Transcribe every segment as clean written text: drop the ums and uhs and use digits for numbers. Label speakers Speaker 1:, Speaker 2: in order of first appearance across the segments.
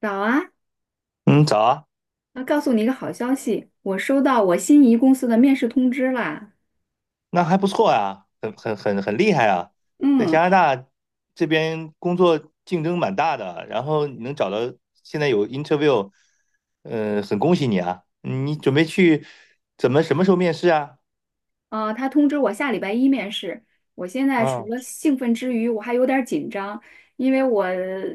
Speaker 1: 早啊，
Speaker 2: 嗯，早啊。
Speaker 1: 要告诉你一个好消息，我收到我心仪公司的面试通知啦。
Speaker 2: 那还不错呀，很厉害啊。在加
Speaker 1: 嗯，
Speaker 2: 拿大这边工作竞争蛮大的，然后你能找到现在有 interview，很恭喜你啊。嗯，你准备去怎么什么时候面试啊？
Speaker 1: 他通知我下礼拜一面试。我现在除
Speaker 2: 嗯。
Speaker 1: 了兴奋之余，我还有点儿紧张，因为我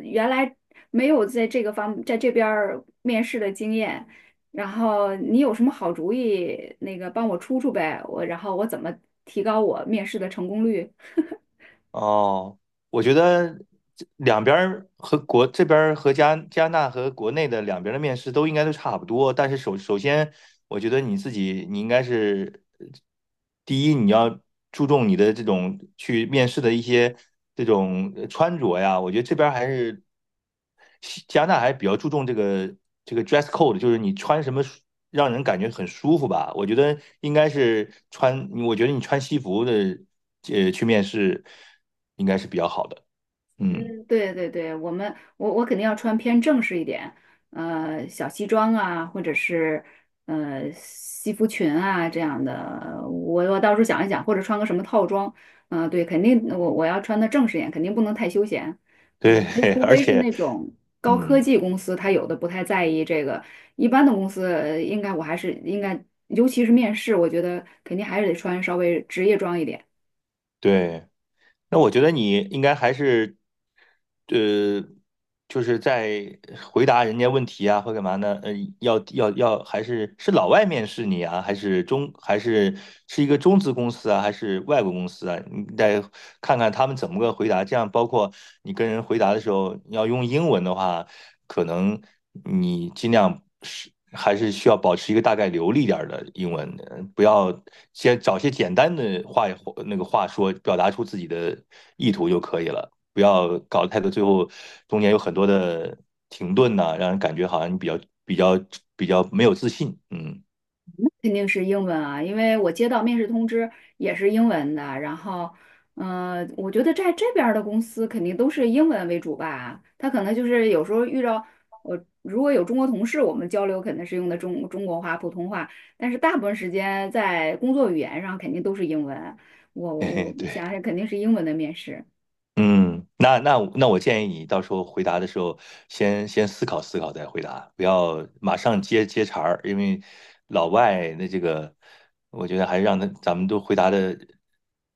Speaker 1: 原来没有在这个方在这边儿面试的经验。然后你有什么好主意，那个帮我出出呗。我然后我怎么提高我面试的成功率？
Speaker 2: 哦，我觉得这两边儿和国这边儿加拿大和国内的两边儿的面试都应该都差不多，但是首先我觉得你自己，你应该是第一，你要注重你的这种去面试的一些这种穿着呀。我觉得这边儿还是西加拿大还比较注重这个这个 dress code，就是你穿什么让人感觉很舒服吧。我觉得应该是穿，我觉得你穿西服的去面试应该是比较好的。嗯，
Speaker 1: 嗯，对对对，我们肯定要穿偏正式一点，小西装啊，或者是西服裙啊这样的。我到时候想一想，或者穿个什么套装，嗯、对，肯定我要穿的正式一点，肯定不能太休闲。我
Speaker 2: 对。
Speaker 1: 觉得 除
Speaker 2: 而
Speaker 1: 非是
Speaker 2: 且
Speaker 1: 那种高科
Speaker 2: 嗯，
Speaker 1: 技公司，它有的不太在意这个，一般的公司应该我还是应该，尤其是面试，我觉得肯定还是得穿稍微职业装一点。
Speaker 2: 对。那我觉得你应该还是，呃，就是在回答人家问题啊，或干嘛呢？要，还是是老外面试你啊，还是中，还是是一个中资公司啊，还是外国公司啊？你得看看他们怎么个回答。这样，包括你跟人回答的时候，你要用英文的话，可能你尽量是还是需要保持一个大概流利点的英文，不要先找些简单的话那个话说，表达出自己的意图就可以了，不要搞得太多，最后中间有很多的停顿呐、啊，让人感觉好像你比较比较没有自信。嗯。
Speaker 1: 肯定是英文啊，因为我接到面试通知也是英文的。然后，嗯、我觉得在这边儿的公司肯定都是英文为主吧。他可能就是有时候遇到我，如果有中国同事，我们交流肯定是用的中国话、普通话，但是大部分时间在工作语言上肯定都是英文。我 我
Speaker 2: 嘿嘿，
Speaker 1: 我，你
Speaker 2: 对。
Speaker 1: 想想，肯定是英文的面试。
Speaker 2: 嗯，那我建议你到时候回答的时候先，先思考思考再回答，不要马上接茬儿，因为老外那这个，我觉得还是让他咱们都回答的，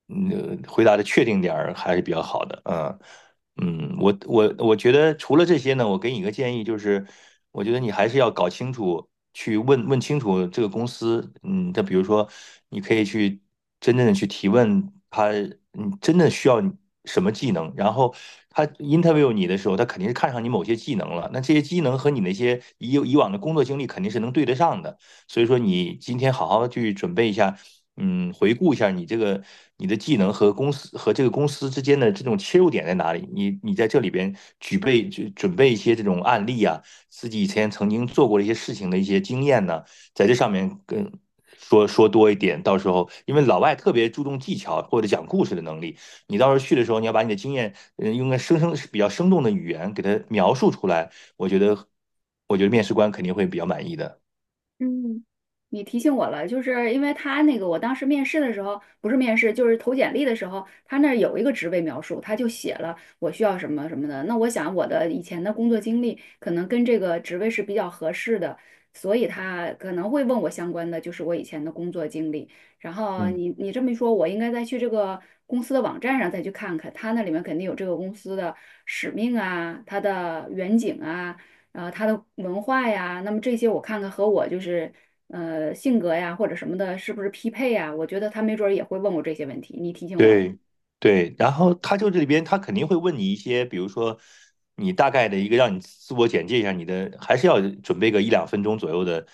Speaker 2: 嗯，回答的确定点儿还是比较好的。嗯。嗯，我觉得除了这些呢，我给你一个建议，就是我觉得你还是要搞清楚，去问问清楚这个公司，嗯，它比如说你可以去真正的去提问他，嗯，真的需要你什么技能，然后他 interview 你的时候，他肯定是看上你某些技能了，那这些技能和你那些以往的工作经历肯定是能对得上的，所以说你今天好好去准备一下。嗯，回顾一下你这个你的技能和公司和这个公司之间的这种切入点在哪里？你你在这里边举备就准备一些这种案例啊，自己以前曾经做过的一些事情的一些经验呢，在这上面跟说说多一点。到时候因为老外特别注重技巧或者讲故事的能力，你到时候去的时候，你要把你的经验，嗯，用个比较生动的语言给他描述出来。我觉得我觉得面试官肯定会比较满意的。
Speaker 1: 嗯，你提醒我了，就是因为他那个，我当时面试的时候，不是面试，就是投简历的时候，他那儿有一个职位描述，他就写了我需要什么什么的。那我想我的以前的工作经历可能跟这个职位是比较合适的，所以他可能会问我相关的，就是我以前的工作经历。然后
Speaker 2: 嗯。
Speaker 1: 你这么一说，我应该再去这个公司的网站上再去看看，他那里面肯定有这个公司的使命啊，它的远景啊。啊，他的文化呀，那么这些我看看和我就是性格呀或者什么的，是不是匹配呀？我觉得他没准儿也会问我这些问题，你提醒我了。
Speaker 2: 对对，然后他就这里边他肯定会问你一些，比如说你大概的一个让你自我简介一下你的，还是要准备个一两分钟左右的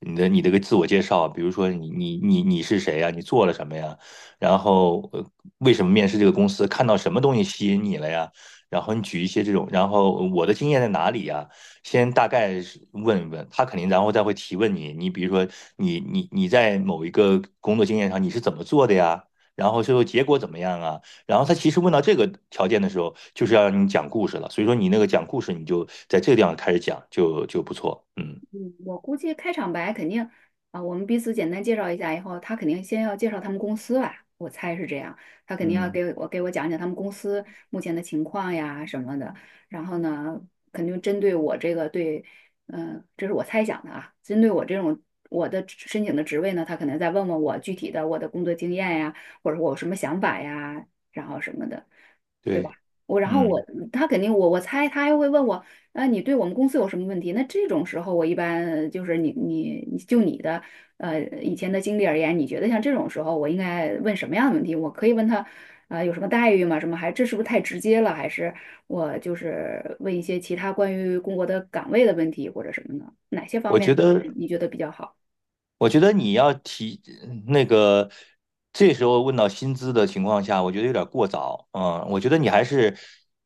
Speaker 2: 你的个自我介绍。比如说你是谁呀，你做了什么呀，然后为什么面试这个公司，看到什么东西吸引你了呀，然后你举一些这种，然后我的经验在哪里呀，先大概是问一问他肯定，然后再会提问你。你比如说你在某一个工作经验上你是怎么做的呀？然后最后结果怎么样啊？然后他其实问到这个条件的时候，就是要让你讲故事了。所以说你那个讲故事，你就在这个地方开始讲，就不错。嗯。
Speaker 1: 嗯，我估计开场白肯定啊，我们彼此简单介绍一下以后，他肯定先要介绍他们公司吧，我猜是这样。他肯定要
Speaker 2: 嗯，
Speaker 1: 给我讲讲他们公司目前的情况呀什么的。然后呢，肯定针对我这个对，嗯、这是我猜想的啊，针对我这种我的职申请的职位呢，他可能再问问我具体的我的工作经验呀，或者我有什么想法呀，然后什么的，对
Speaker 2: 对。
Speaker 1: 吧？我然后我
Speaker 2: 嗯，
Speaker 1: 他肯定我我猜他还会问我那你对我们公司有什么问题？那这种时候，我一般就是你的以前的经历而言，你觉得像这种时候，我应该问什么样的问题？我可以问他，呃，有什么待遇吗？什么还这是不是太直接了？还是我就是问一些其他关于工作的岗位的问题或者什么呢？哪些方
Speaker 2: 我
Speaker 1: 面
Speaker 2: 觉
Speaker 1: 的问
Speaker 2: 得
Speaker 1: 题你觉得比较好？
Speaker 2: 我觉得你要提那个，这时候问到薪资的情况下，我觉得有点过早。嗯，我觉得你还是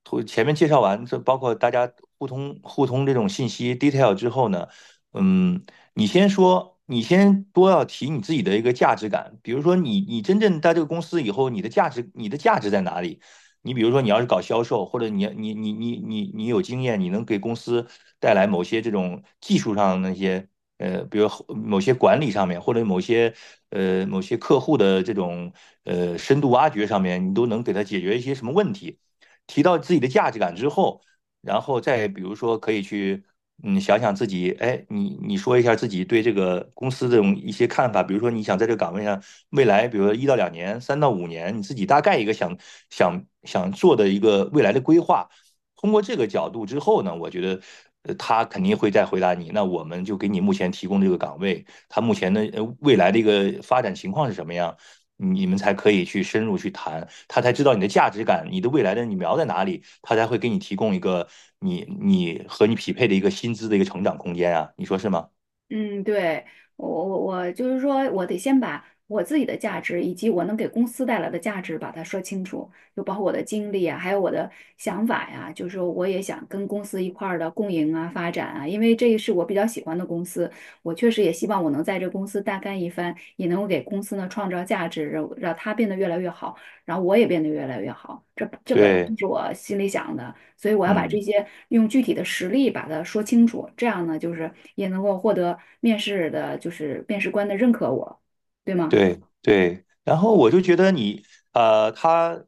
Speaker 2: 头前面介绍完，这包括大家互通互通这种信息 detail 之后呢，嗯，你先说，你先多要提你自己的一个价值感。比如说你，你真正在这个公司以后，你的价值，你的价值在哪里？你比如说，你要是搞销售，或者你有经验，你能给公司带来某些这种技术上的那些。呃，比如某些管理上面，或者某些某些客户的这种深度挖掘上面，你都能给他解决一些什么问题？提到自己的价值感之后，然后再比如说可以去想想自己。哎，你你说一下自己对这个公司这种一些看法。比如说你想在这个岗位上未来，比如说一到两年、三到五年，你自己大概一个想做的一个未来的规划。通过这个角度之后呢，我觉得他肯定会再回答你。那我们就给你目前提供这个岗位，他目前的未来的一个发展情况是什么样，你们才可以去深入去谈，他才知道你的价值感，你的未来的你瞄在哪里，他才会给你提供一个和你匹配的一个薪资的一个成长空间啊，你说是吗？
Speaker 1: 嗯，对，我就是说，我得先把我自己的价值以及我能给公司带来的价值把它说清楚，就包括我的经历啊，还有我的想法呀、就是说，我也想跟公司一块儿的共赢啊、发展啊，因为这是我比较喜欢的公司，我确实也希望我能在这公司大干一番，也能够给公司呢创造价值，让它变得越来越好，然后我也变得越来越好。这本来
Speaker 2: 对。
Speaker 1: 就是我心里想的。所以我要把这
Speaker 2: 嗯。
Speaker 1: 些用具体的实例把它说清楚，这样呢，就是也能够获得面试的，就是面试官的认可我，对吗？
Speaker 2: 对对，然后我就觉得你，他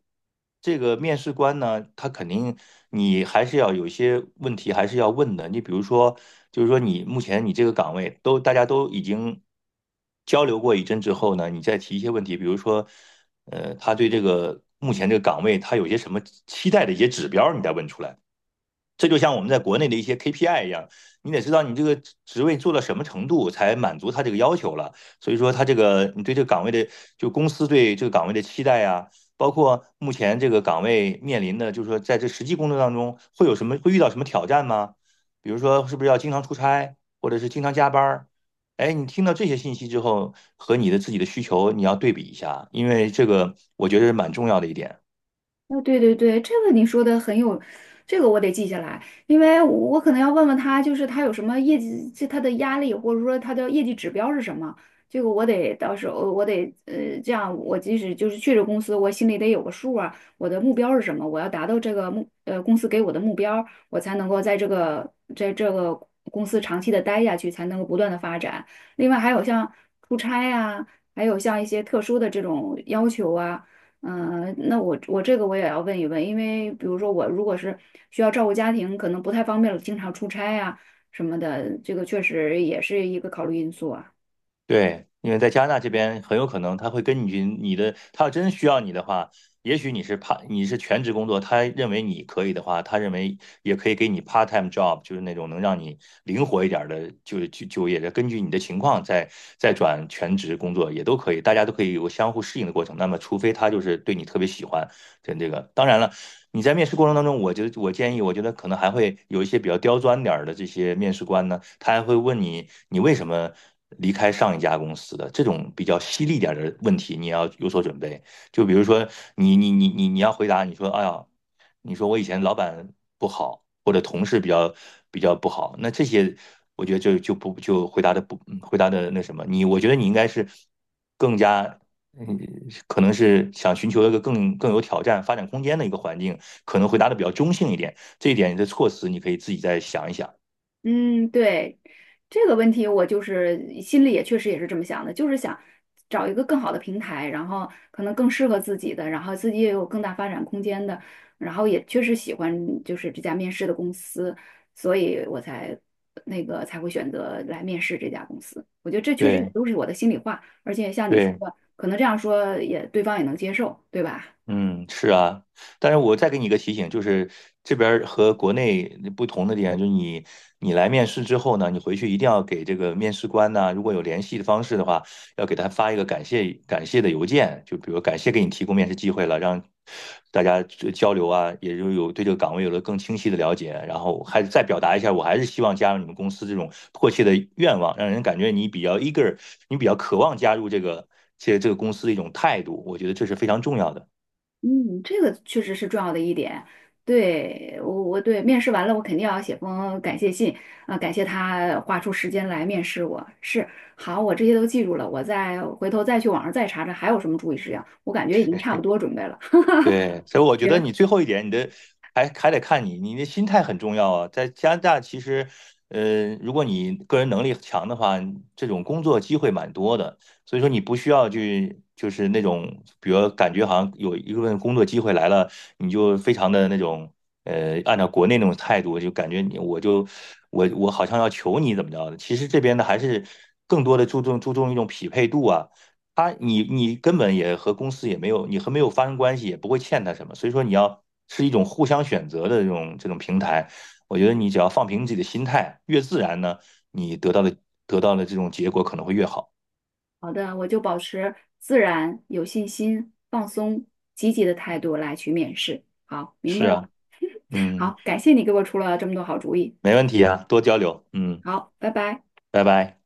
Speaker 2: 这个面试官呢，他肯定你还是要有一些问题还是要问的。你比如说，就是说你目前你这个岗位都大家都已经交流过一阵之后呢，你再提一些问题。比如说，他对这个目前这个岗位他有些什么期待的一些指标，你再问出来。这就像我们在国内的一些 KPI 一样，你得知道你这个职位做到什么程度才满足他这个要求了。所以说，他这个你对这个岗位的，就公司对这个岗位的期待啊，包括目前这个岗位面临的，就是说在这实际工作当中会有什么，会遇到什么挑战吗？比如说，是不是要经常出差，或者是经常加班。哎，你听到这些信息之后，和你的自己的需求你要对比一下，因为这个我觉得是蛮重要的一点。
Speaker 1: 哦，对对对，这个你说的很有，这个我得记下来，因为我可能要问问他，就是他有什么业绩，就他的压力，或者说他的业绩指标是什么，这个我得到时候我得，这样我即使就是去这公司，我心里得有个数啊，我的目标是什么，我要达到这个目公司给我的目标，我才能够在这个公司长期的待下去，才能够不断的发展。另外还有像出差呀、还有像一些特殊的这种要求啊。嗯，那我这个我也要问一问，因为比如说我如果是需要照顾家庭，可能不太方便了经常出差啊什么的，这个确实也是一个考虑因素啊。
Speaker 2: 对，因为在加拿大这边很有可能他会根据你的，他要真需要你的话，也许你是 part 你是全职工作，他认为你可以的话，他认为也可以给你 part time job，就是那种能让你灵活一点儿的，就就业的，根据你的情况再再转全职工作也都可以，大家都可以有个相互适应的过程。那么，除非他就是对你特别喜欢，跟这个，当然了，你在面试过程当中，我建议，我觉得可能还会有一些比较刁钻点儿的这些面试官呢，他还会问你，你为什么离开上一家公司的这种比较犀利点儿的问题，你要有所准备。就比如说你要回答，你说哎呀，你说我以前老板不好，或者同事比较不好，那这些我觉得就回答的不回答的那什么，你我觉得你应该是更加。嗯，可能是想寻求一个更有挑战、发展空间的一个环境，可能回答的比较中性一点。这一点的措辞你可以自己再想一想。
Speaker 1: 嗯，对，这个问题我就是心里也确实也是这么想的，就是想找一个更好的平台，然后可能更适合自己的，然后自己也有更大发展空间的，然后也确实喜欢就是这家面试的公司，所以我才那个才会选择来面试这家公司。我觉得这确实也
Speaker 2: 对
Speaker 1: 都是我的心里话，而且像你说
Speaker 2: 对。
Speaker 1: 的，可能这样说也对方也能接受，对吧？
Speaker 2: 嗯，是啊。但是我再给你一个提醒，就是这边儿和国内不同的点，就是你来面试之后呢，你回去一定要给这个面试官呢，如果有联系的方式的话，要给他发一个感谢的邮件，就比如感谢给你提供面试机会了，让大家这交流啊，也就有对这个岗位有了更清晰的了解。然后还再表达一下，我还是希望加入你们公司这种迫切的愿望，让人感觉你比较 eager，你比较渴望加入这个这个公司的一种态度，我觉得这是非常重要的。
Speaker 1: 嗯，这个确实是重要的一点。对，我我对面试完了，我肯定要写封感谢信啊，感谢他花出时间来面试我。是，好，我这些都记住了，我再回头再去网上再查查还有什么注意事项。我感觉已经差不多准备了。
Speaker 2: 对，所以我觉得你
Speaker 1: 行，
Speaker 2: 最后一点，你的还得看你，你的心态很重要啊。在加拿大，其实，如果你个人能力强的话，这种工作机会蛮多的。所以说，你不需要去，就是那种，比如感觉好像有一份工作机会来了，你就非常的那种，按照国内那种态度，就感觉你我就我好像要求你怎么着的。其实这边呢，还是更多的注重一种匹配度啊。他你你根本也和公司也没有，你和没有发生关系，也不会欠他什么。所以说你要是一种互相选择的这种平台。我觉得你只要放平自己的心态，越自然呢，你得到的得到的这种结果可能会越好。
Speaker 1: 好的，我就保持自然、有信心、放松、积极的态度来去面试。好，明白
Speaker 2: 是
Speaker 1: 了。
Speaker 2: 啊。嗯。
Speaker 1: 好，感谢你给我出了这么多好主意。
Speaker 2: 没问题啊，多交流。嗯，
Speaker 1: 好，拜拜。
Speaker 2: 拜拜。